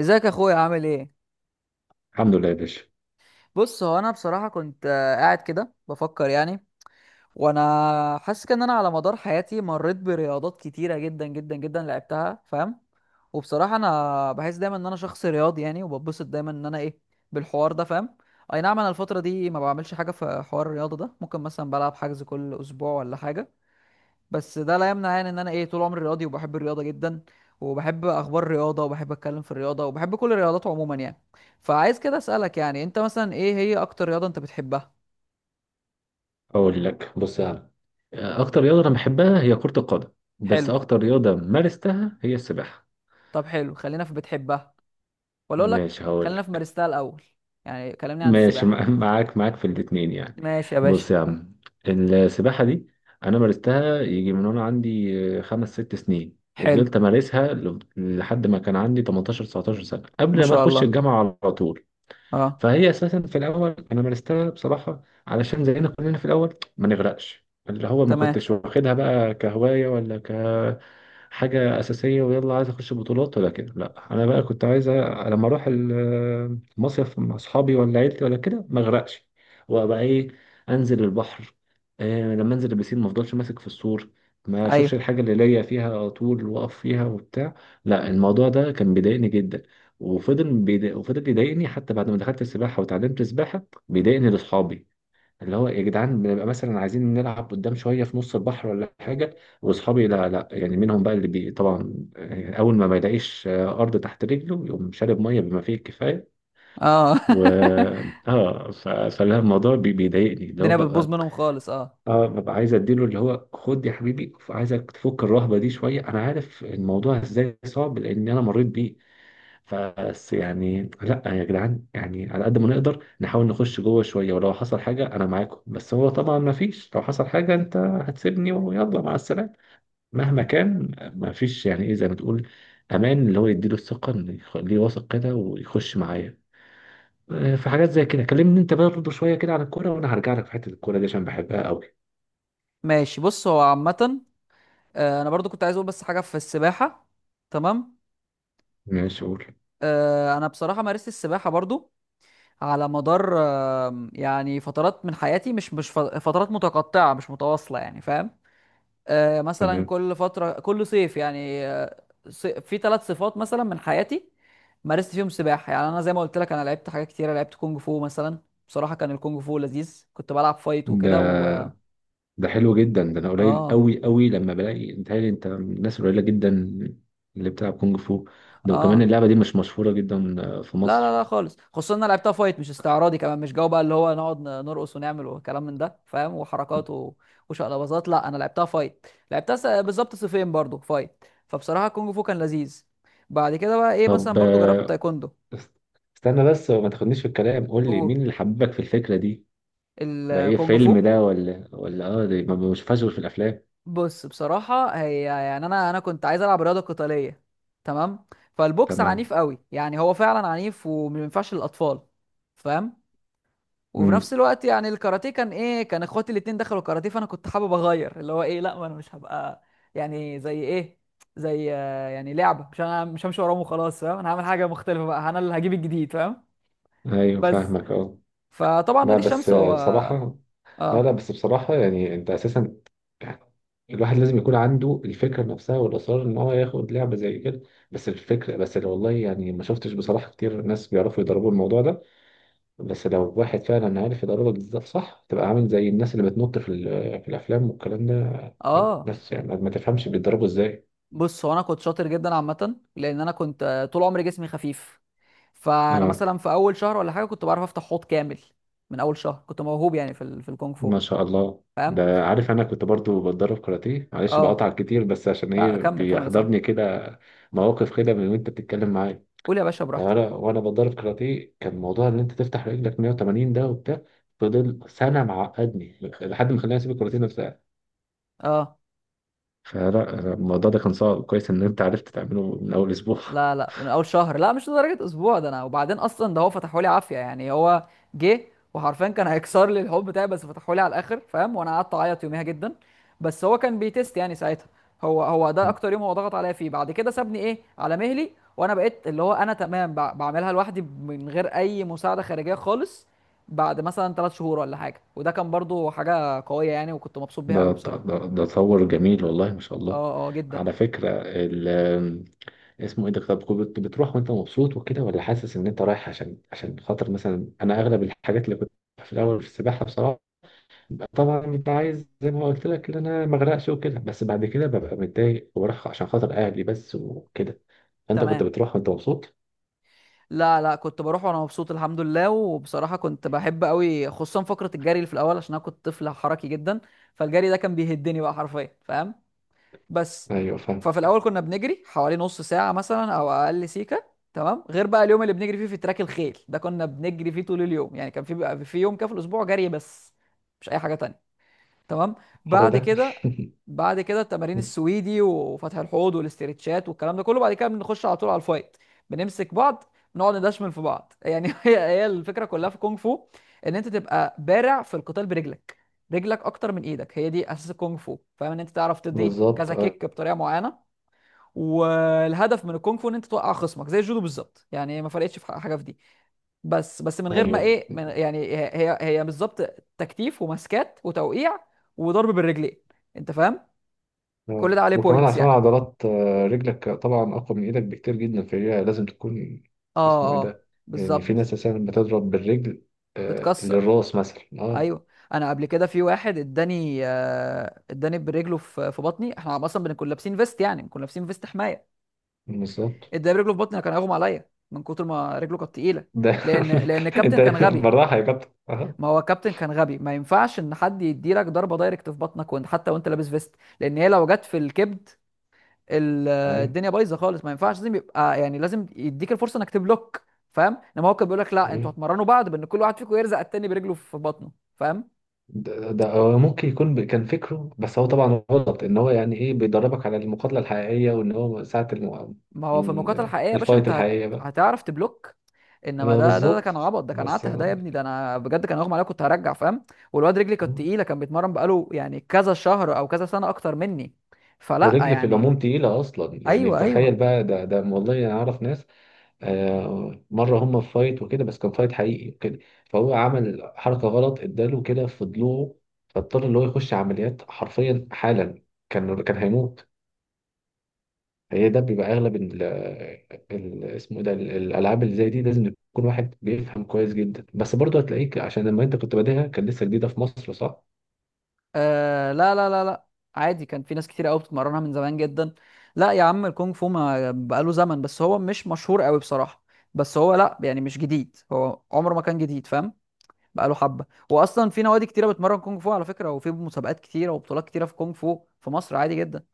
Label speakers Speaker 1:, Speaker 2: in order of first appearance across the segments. Speaker 1: ازيك يا اخويا؟ عامل ايه؟
Speaker 2: الحمد لله يا باشا.
Speaker 1: بص، هو انا بصراحه كنت قاعد كده بفكر يعني. وانا حاسس كده ان انا على مدار حياتي مريت برياضات كتيره جدا جدا جدا لعبتها، فاهم؟ وبصراحه انا بحس دايما ان انا شخص رياضي يعني، وببسط دايما ان انا ايه، بالحوار ده، فاهم؟ اي نعم، انا الفتره دي ما بعملش حاجه في حوار الرياضه ده، ممكن مثلا بلعب حجز كل اسبوع ولا حاجه، بس ده لا يمنع يعني ان انا ايه، طول عمري رياضي وبحب الرياضه جدا، وبحب اخبار الرياضه وبحب اتكلم في الرياضه وبحب كل الرياضات عموما يعني. فعايز كده اسالك يعني، انت مثلا ايه هي اكتر رياضه انت بتحبها؟
Speaker 2: اقول لك: بص يا عم، اكتر رياضه انا بحبها هي كره القدم، بس
Speaker 1: حلو.
Speaker 2: اكتر رياضه مارستها هي السباحه.
Speaker 1: طب حلو، خلينا في بتحبها ولا اقول لك
Speaker 2: ماشي، هقول
Speaker 1: خلينا في
Speaker 2: لك.
Speaker 1: مارستها الاول؟ يعني كلمني عن
Speaker 2: ماشي،
Speaker 1: السباحه.
Speaker 2: معاك في الاتنين يعني.
Speaker 1: ماشي يا باشا.
Speaker 2: بص يا عم، السباحه دي انا مارستها يجي من وانا عندي 5 6 سنين،
Speaker 1: حلو.
Speaker 2: وفضلت امارسها لحد ما كان عندي 18 19 سنه،
Speaker 1: ما
Speaker 2: قبل ما
Speaker 1: شاء
Speaker 2: اخش
Speaker 1: الله.
Speaker 2: الجامعه على طول.
Speaker 1: اه.
Speaker 2: فهي اساسا في الاول انا مارستها بصراحه علشان زينا كلنا في الاول ما نغرقش، اللي هو ما
Speaker 1: تمام.
Speaker 2: كنتش واخدها بقى كهوايه ولا كحاجه اساسيه ويلا عايز اخش بطولات ولا كده. لا، انا بقى كنت عايز لما اروح مصيف مع اصحابي ولا عيلتي ولا كده ما اغرقش، وابقى ايه، انزل البحر. لما انزل البسين ما افضلش ماسك في السور، ما اشوفش
Speaker 1: ايوه.
Speaker 2: الحاجه اللي ليا فيها على طول واقف فيها وبتاع. لا، الموضوع ده كان بيضايقني جدا، وفضل يضايقني حتى بعد ما دخلت السباحه وتعلمت السباحه. بيضايقني لاصحابي، اللي هو يا جدعان بنبقى مثلا عايزين نلعب قدام شويه في نص البحر ولا حاجه، واصحابي لا، لا يعني، منهم بقى طبعا اول ما يلاقيش ارض تحت رجله يقوم شارب ميه بما فيه الكفايه.
Speaker 1: اه.
Speaker 2: و فلا الموضوع بيضايقني، اللي هو
Speaker 1: الدنيا بتبوظ
Speaker 2: ببقى،
Speaker 1: منهم خالص، اه.
Speaker 2: اه، ببقى عايز اديله اللي هو: خد يا حبيبي، عايزك تفك الرهبه دي شويه، انا عارف الموضوع ازاي صعب لان انا مريت بيه. بس يعني لا يا جدعان، يعني على قد ما نقدر نحاول نخش جوه شويه، ولو حصل حاجه انا معاكم، بس هو طبعا ما فيش لو حصل حاجه انت هتسيبني ويلا مع السلامه. مهما كان، ما فيش يعني ايه، زي ما تقول، امان، اللي هو يديله الثقه ان يخليه واثق كده ويخش معايا. في حاجات زي كده كلمني انت برضه شويه كده عن الكوره، وانا هرجع لك في حته الكوره دي عشان بحبها قوي.
Speaker 1: ماشي، بص هو عامه انا برضو كنت عايز اقول بس حاجه في السباحه. تمام.
Speaker 2: ماشي، قول.
Speaker 1: انا بصراحه مارست السباحه برضو على مدار يعني فترات من حياتي، مش فترات متقطعه مش متواصله يعني، فاهم؟ مثلا
Speaker 2: تمام.
Speaker 1: كل فتره كل صيف يعني، في ثلاث صفات مثلا من حياتي مارست فيهم سباحه. يعني انا زي ما قلت لك، انا لعبت حاجات كتيره، لعبت كونج فو مثلا. بصراحه كان الكونج فو لذيذ، كنت بلعب فايت وكده. و
Speaker 2: ده حلو جدا، ده انا قليل
Speaker 1: اه
Speaker 2: قوي قوي لما بلاقي انت من الناس قليله جدا اللي بتلعب كونج فو. ده وكمان
Speaker 1: اه
Speaker 2: اللعبه دي مش مشهوره جدا في
Speaker 1: لا لا
Speaker 2: مصر.
Speaker 1: لا خالص، خصوصا ان انا لعبتها فايت مش استعراضي، كمان مش جو بقى اللي هو نقعد نرقص ونعمل وكلام من ده، فاهم؟ وحركات وشقلباظات. لا انا لعبتها فايت، لعبتها بالظبط صفين برضو فايت. فبصراحه كونج فو كان لذيذ. بعد كده بقى ايه، مثلا
Speaker 2: طب،
Speaker 1: برضو جربت تايكوندو.
Speaker 2: است- استنى بس وما تاخدنيش في الكلام، قول لي
Speaker 1: اوه،
Speaker 2: مين اللي حببك في الفكره دي؟ ده ايه،
Speaker 1: الكونج
Speaker 2: فيلم
Speaker 1: فو.
Speaker 2: ده ولا؟ ده ما بشوفهاش غير في الافلام.
Speaker 1: بص بصراحه هي يعني انا كنت عايز العب رياضه قتاليه. تمام. فالبوكس
Speaker 2: تمام.
Speaker 1: عنيف قوي يعني، هو فعلا عنيف وما ينفعش للاطفال، فاهم؟ وفي نفس
Speaker 2: امم
Speaker 1: الوقت يعني الكاراتيه كان ايه، كان اخواتي الاتنين دخلوا كاراتيه، فانا كنت حابب اغير اللي هو ايه، لا ما انا مش هبقى يعني زي ايه، زي يعني لعبه، مش انا مش همشي وراهم وخلاص، فاهم؟ انا هعمل حاجه مختلفه بقى، انا اللي هجيب الجديد، فاهم؟
Speaker 2: ايوه
Speaker 1: بس.
Speaker 2: فاهمك، اه.
Speaker 1: فطبعا
Speaker 2: لا
Speaker 1: نادي
Speaker 2: بس
Speaker 1: الشمس هو
Speaker 2: آه، بصراحه لا، لا،
Speaker 1: اه
Speaker 2: بس بصراحة يعني انت اساسا يعني الواحد لازم يكون عنده الفكرة نفسها والإصرار إن هو ياخد لعبة زي كده. بس الفكرة، بس اللي والله يعني ما شفتش بصراحة كتير ناس بيعرفوا يضربوا الموضوع ده. بس لو واحد فعلا عارف يضربك بالظبط صح، تبقى عامل زي الناس اللي بتنط في الأفلام والكلام ده،
Speaker 1: اه.
Speaker 2: بس يعني ما تفهمش بيتضربوا إزاي.
Speaker 1: بص هو انا كنت شاطر جدا عامه، لان انا كنت طول عمري جسمي خفيف. فانا
Speaker 2: آه
Speaker 1: مثلا في اول شهر ولا حاجه كنت بعرف افتح حوض كامل. من اول شهر كنت موهوب يعني في في الكونغ فو،
Speaker 2: ما شاء الله،
Speaker 1: فاهم؟
Speaker 2: ده عارف أنا كنت برضو بتدرب كاراتيه. معلش بقطع
Speaker 1: اه.
Speaker 2: كتير، بس عشان إيه
Speaker 1: لا كمل كمل يا صاحبي.
Speaker 2: بيحضرني كده مواقف كده من وأنت بتتكلم معايا.
Speaker 1: قول يا باشا
Speaker 2: انا
Speaker 1: براحتك.
Speaker 2: وانا بتدرب كاراتيه كان موضوع ان انت تفتح رجلك 180 ده وبتاع، فضل سنه معقدني لحد ما خلاني اسيب الكاراتيه نفسها.
Speaker 1: اه
Speaker 2: فلا أنا الموضوع ده كان صعب، كويس ان انت عرفت تعمله من اول اسبوع.
Speaker 1: لا لا، من اول شهر، لا مش لدرجه اسبوع. ده انا وبعدين اصلا، ده هو فتحوا لي عافيه يعني. هو جه وحرفيا كان هيكسر لي الحب بتاعي، بس فتحوا لي على الاخر، فاهم؟ وانا قعدت اعيط يوميها جدا، بس هو كان بيتست يعني ساعتها. هو ده اكتر يوم هو ضغط عليا فيه، بعد كده سابني ايه على مهلي، وانا بقيت اللي هو انا تمام بعملها لوحدي من غير اي مساعده خارجيه خالص، بعد مثلا ثلاث شهور ولا حاجه. وده كان برضو حاجه قويه يعني، وكنت مبسوط بيها قوي
Speaker 2: ده
Speaker 1: بصراحه.
Speaker 2: ده ده تصور جميل، والله ما شاء الله.
Speaker 1: اه اه جدا.
Speaker 2: على فكره، اسمه ايه ده، طب كنت بتروح وانت مبسوط وكده، ولا حاسس ان انت رايح عشان خاطر مثلا؟ انا اغلب الحاجات اللي كنت في الاول في السباحه بصراحه، طبعا ببقى عايز زي ما قلت لك ان انا ما اغرقش وكده، بس بعد كده ببقى متضايق وبروح عشان خاطر اهلي بس وكده. انت كنت
Speaker 1: تمام.
Speaker 2: بتروح وانت مبسوط؟
Speaker 1: لا لا، كنت بروح وانا مبسوط الحمد لله. وبصراحه كنت بحب قوي خصوصا فقره الجري اللي في الاول، عشان انا كنت طفل حركي جدا. فالجري ده كان بيهدني بقى حرفيا، فاهم؟ بس.
Speaker 2: ايوه فاهم.
Speaker 1: ففي الاول كنا بنجري حوالي نص ساعه مثلا او اقل سيكه. تمام. غير بقى اليوم اللي بنجري فيه في تراك الخيل ده، كنا بنجري فيه طول اليوم. يعني كان في بقى في يوم كده في الاسبوع جري بس، مش اي حاجه تانية. تمام.
Speaker 2: الحر
Speaker 1: بعد
Speaker 2: ده.
Speaker 1: كده، بعد كده التمارين السويدي وفتح الحوض والاسترتشات والكلام ده كله، بعد كده بنخش على طول على الفايت. بنمسك بعض، نقعد ندشمل في بعض. يعني هي الفكره كلها في الكونغ فو، ان انت تبقى بارع في القتال برجلك. رجلك اكتر من ايدك، هي دي اساس الكونغ فو، فاهم؟ ان انت تعرف تدي
Speaker 2: بالظبط
Speaker 1: كذا كيك بطريقه معينه. والهدف من الكونغ فو ان انت توقع خصمك زي الجودو بالظبط، يعني ما فرقتش في حاجه في دي. بس من غير ما
Speaker 2: ايوه.
Speaker 1: ايه، من يعني هي بالظبط تكتيف ومسكات وتوقيع وضرب بالرجلين، انت فاهم؟ كل
Speaker 2: آه.
Speaker 1: ده عليه
Speaker 2: وكمان
Speaker 1: بوينتس
Speaker 2: عشان
Speaker 1: يعني.
Speaker 2: عضلات رجلك طبعا اقوى من ايدك بكتير جدا، فهي لازم تكون.
Speaker 1: اه
Speaker 2: اسمه ايه
Speaker 1: اه،
Speaker 2: ده، يعني في
Speaker 1: بالظبط.
Speaker 2: ناس اساسا بتضرب بالرجل
Speaker 1: بتكسر،
Speaker 2: للراس مثلا، اه؟
Speaker 1: ايوه. انا قبل كده في واحد اداني آه اداني برجله في بطني. احنا اصلا بنكون لابسين فيست، يعني بنكون لابسين فيست حمايه.
Speaker 2: بالظبط.
Speaker 1: اداني برجله في بطني، أنا كان هيغمى عليا من كتر ما رجله كانت تقيله.
Speaker 2: ده
Speaker 1: لان الكابتن
Speaker 2: انت
Speaker 1: كان غبي.
Speaker 2: بالراحه يا كابتن، اه؟
Speaker 1: ما هو الكابتن كان غبي، ما ينفعش ان حد يديلك ضربه دايركت في بطنك وانت، حتى وانت لابس فيست، لان هي لو جت في الكبد ال-
Speaker 2: ايوه،
Speaker 1: الدنيا بايظه خالص. ما ينفعش، لازم يبقى يعني لازم يديك الفرصه انك تبلوك، فاهم. انما هو كان بيقول لك لا انتوا
Speaker 2: أيوه.
Speaker 1: هتمرنوا بعض، بان كل واحد فيكم يرزق التاني برجله في بطنه، فاهم؟
Speaker 2: ده هو ممكن يكون كان فكره، بس هو طبعا غلط ان هو يعني ايه بيدربك على المقاتله الحقيقيه، وان هو ساعه
Speaker 1: ما هو في المقاطعه الحقيقيه يا باشا،
Speaker 2: الفايت
Speaker 1: انت هت...
Speaker 2: الحقيقيه بقى.
Speaker 1: هتعرف تبلوك. انما
Speaker 2: يبقى
Speaker 1: ده
Speaker 2: بالظبط.
Speaker 1: كان عبط، ده كان
Speaker 2: بس،
Speaker 1: عته ده يا ابني. ده انا بجد كان اغمى عليا، كنت هرجع، فاهم؟ والواد رجلي كانت تقيله، كان بيتمرن بقاله يعني كذا شهر او كذا سنه اكتر مني، فلا
Speaker 2: ورجل في
Speaker 1: يعني.
Speaker 2: العموم تقيله اصلا يعني،
Speaker 1: ايوه ايوه.
Speaker 2: تخيل بقى. ده والله انا اعرف ناس مره هم في فايت وكده، بس كان فايت حقيقي وكده، فهو عمل حركه غلط، اداله كده في ضلوعه، فاضطر ان هو يخش عمليات حرفيا حالا، كان هيموت. هي ده بيبقى اغلب اسمه إيه ده الالعاب اللي زي دي لازم يكون واحد بيفهم كويس جدا. بس برضه هتلاقيك، عشان لما انت كنت بادئها كان لسه جديده في مصر، صح؟
Speaker 1: آه لا لا لا لا. عادي، كان في ناس كتير قوي بتتمرنها من زمان جدا. لا يا عم الكونغ فو ما بقاله زمن، بس هو مش مشهور قوي بصراحة. بس هو لا يعني مش جديد، هو عمره ما كان جديد، فاهم؟ بقاله حبه. واصلا في نوادي كتيره بتمرن كونج فو على فكره، وفي مسابقات كتيره وبطولات كتيره في كونج فو في مصر، عادي جدا.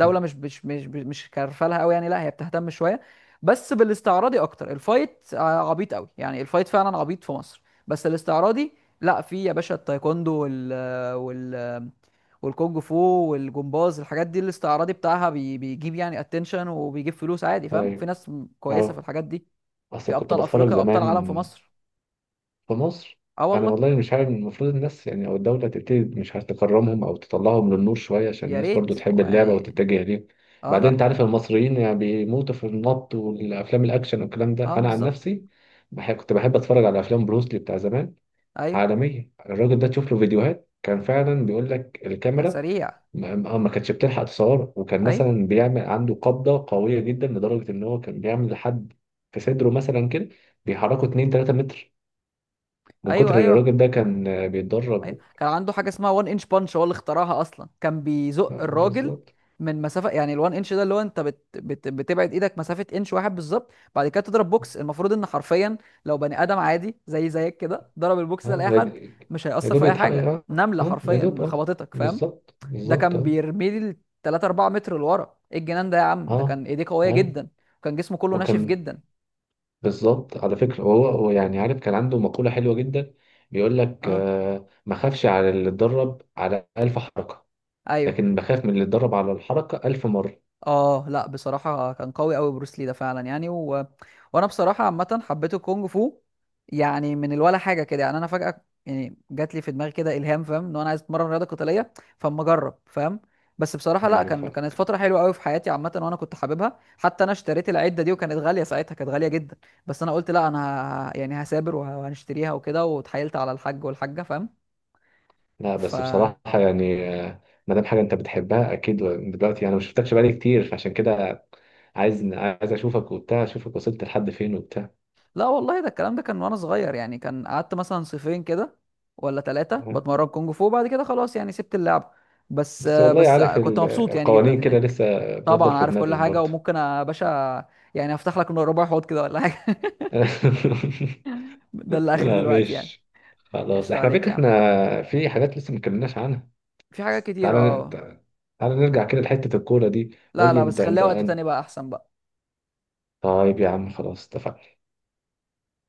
Speaker 2: مم.
Speaker 1: مش كارفالها قوي يعني، لا هي بتهتم شويه، بس بالاستعراضي اكتر. الفايت عبيط قوي يعني، الفايت فعلا عبيط في مصر، بس الاستعراضي لا في يا باشا، التايكوندو وال وال والكونج فو والجمباز، الحاجات دي الاستعراضي بتاعها بيجيب يعني اتنشن وبيجيب فلوس عادي، فاهم؟ في
Speaker 2: ايوه،
Speaker 1: ناس كويسه في
Speaker 2: اه.
Speaker 1: الحاجات دي. في
Speaker 2: اصل كنت
Speaker 1: ابطال
Speaker 2: بتفرج
Speaker 1: افريقيا وابطال
Speaker 2: زمان
Speaker 1: عالم في مصر.
Speaker 2: في مصر.
Speaker 1: اه
Speaker 2: انا
Speaker 1: والله.
Speaker 2: والله مش عارف، المفروض الناس يعني او الدوله تبتدي مش عارف تكرمهم او تطلعهم للنور شويه عشان
Speaker 1: يا
Speaker 2: الناس برضو
Speaker 1: ريت
Speaker 2: تحب
Speaker 1: هو
Speaker 2: اللعبه
Speaker 1: يعني.
Speaker 2: وتتجه ليه.
Speaker 1: اه لا
Speaker 2: بعدين انت عارف
Speaker 1: لا،
Speaker 2: المصريين يعني بيموتوا في النط والافلام الاكشن والكلام ده،
Speaker 1: اه
Speaker 2: انا عن
Speaker 1: بالظبط.
Speaker 2: نفسي بحب، كنت بحب اتفرج على افلام بروسلي بتاع زمان.
Speaker 1: ايوه
Speaker 2: عالمية الراجل ده، تشوف له فيديوهات كان فعلا، بيقول لك
Speaker 1: كان
Speaker 2: الكاميرا
Speaker 1: سريع.
Speaker 2: ما كانتش بتلحق تصوره، وكان
Speaker 1: ايوه
Speaker 2: مثلا بيعمل عنده قبضة قوية جدا لدرجة ان هو كان بيعمل لحد في صدره مثلا كده، بيحركه 2 3 متر من
Speaker 1: ايوه.
Speaker 2: كتر اللي
Speaker 1: ايوه
Speaker 2: الراجل ده كان
Speaker 1: ايوه
Speaker 2: بيتدرب.
Speaker 1: كان عنده حاجه اسمها 1 انش بانش، هو اللي اخترعها اصلا. كان بيزق الراجل
Speaker 2: بالظبط،
Speaker 1: من مسافه يعني. ال1 انش ده اللي هو انت بت... بت... بتبعد ايدك مسافه انش واحد بالظبط، بعد كده تضرب بوكس. المفروض ان حرفيا لو بني ادم عادي زي زيك كده ضرب البوكس ده
Speaker 2: اه.
Speaker 1: لاي حد، مش
Speaker 2: يا
Speaker 1: هيأثر في
Speaker 2: دوب
Speaker 1: اي
Speaker 2: يتحقق،
Speaker 1: حاجه،
Speaker 2: اه.
Speaker 1: نمله
Speaker 2: اه، يا
Speaker 1: حرفيا
Speaker 2: دوب، اه.
Speaker 1: خبطتك، فاهم؟
Speaker 2: بالظبط
Speaker 1: ده
Speaker 2: بالظبط،
Speaker 1: كان
Speaker 2: اه.
Speaker 1: بيرمي لي 3 4 متر لورا. ايه الجنان ده يا عم، ده
Speaker 2: اه
Speaker 1: كان ايديه قويه
Speaker 2: اي
Speaker 1: جدا، وكان جسمه كله ناشف
Speaker 2: وكان.
Speaker 1: جدا.
Speaker 2: بالظبط، على فكرة، هو يعني عارف كان عنده مقولة حلوة جدا، بيقول لك
Speaker 1: اه
Speaker 2: ما خافش على اللي اتدرب على 1000 حركة،
Speaker 1: ايوه
Speaker 2: لكن بخاف من اللي اتدرب على الحركة 1000 مرة.
Speaker 1: اه. لا بصراحه كان قوي قوي بروس لي ده فعلا يعني. و... وانا بصراحه عامه حبيت الكونج فو يعني من الولا حاجه كده. يعني انا فجاه يعني جات لي في دماغي كده الهام، فاهم؟ ان انا عايز اتمرن رياضه قتاليه، فاما اجرب، فاهم؟ بس بصراحه لا،
Speaker 2: أيوة
Speaker 1: كانت
Speaker 2: فاهمك.
Speaker 1: فتره حلوه قوي في حياتي عامه، وانا كنت حاببها حتى. انا اشتريت العده دي وكانت غاليه ساعتها، كانت غاليه جدا، بس انا قلت لا انا ه... يعني هسابر وهنشتريها وكده، واتحايلت على الحاج والحاجه، فاهم؟
Speaker 2: لا
Speaker 1: ف
Speaker 2: بس بصراحة يعني ما دام حاجة أنت بتحبها أكيد، دلوقتي أنا ما شفتكش بقالي كتير، فعشان كده عايز أشوفك وبتاع، أشوفك وصلت لحد فين وبتاع.
Speaker 1: لا والله ده الكلام ده كان وانا صغير يعني. كان قعدت مثلا صيفين كده ولا ثلاثة بتمرن كونج فو، بعد كده خلاص يعني سبت اللعب، بس
Speaker 2: بس والله
Speaker 1: بس
Speaker 2: عارف
Speaker 1: كنت مبسوط يعني جدا
Speaker 2: القوانين كده
Speaker 1: هناك.
Speaker 2: لسه بتفضل
Speaker 1: طبعا
Speaker 2: في
Speaker 1: عارف كل
Speaker 2: دماغك
Speaker 1: حاجة،
Speaker 2: برضه.
Speaker 1: وممكن يا باشا يعني افتح لك ربع حوض كده ولا حاجة. ده اللي اخري
Speaker 2: لا
Speaker 1: دلوقتي يعني.
Speaker 2: ماشي. خلاص،
Speaker 1: قشطة
Speaker 2: احنا
Speaker 1: عليك
Speaker 2: فكرة
Speaker 1: يا عم.
Speaker 2: احنا. في حاجات لسه ما اتكلمناش عنها،
Speaker 1: في حاجات
Speaker 2: بس
Speaker 1: كتير
Speaker 2: تعالى
Speaker 1: اه.
Speaker 2: تعالى نرجع كده لحتة الكورة دي.
Speaker 1: لا
Speaker 2: قول لي
Speaker 1: لا بس
Speaker 2: انت انت
Speaker 1: خليها وقت تاني
Speaker 2: أنت-
Speaker 1: بقى احسن بقى.
Speaker 2: طيب يا عم، خلاص، اتفقنا.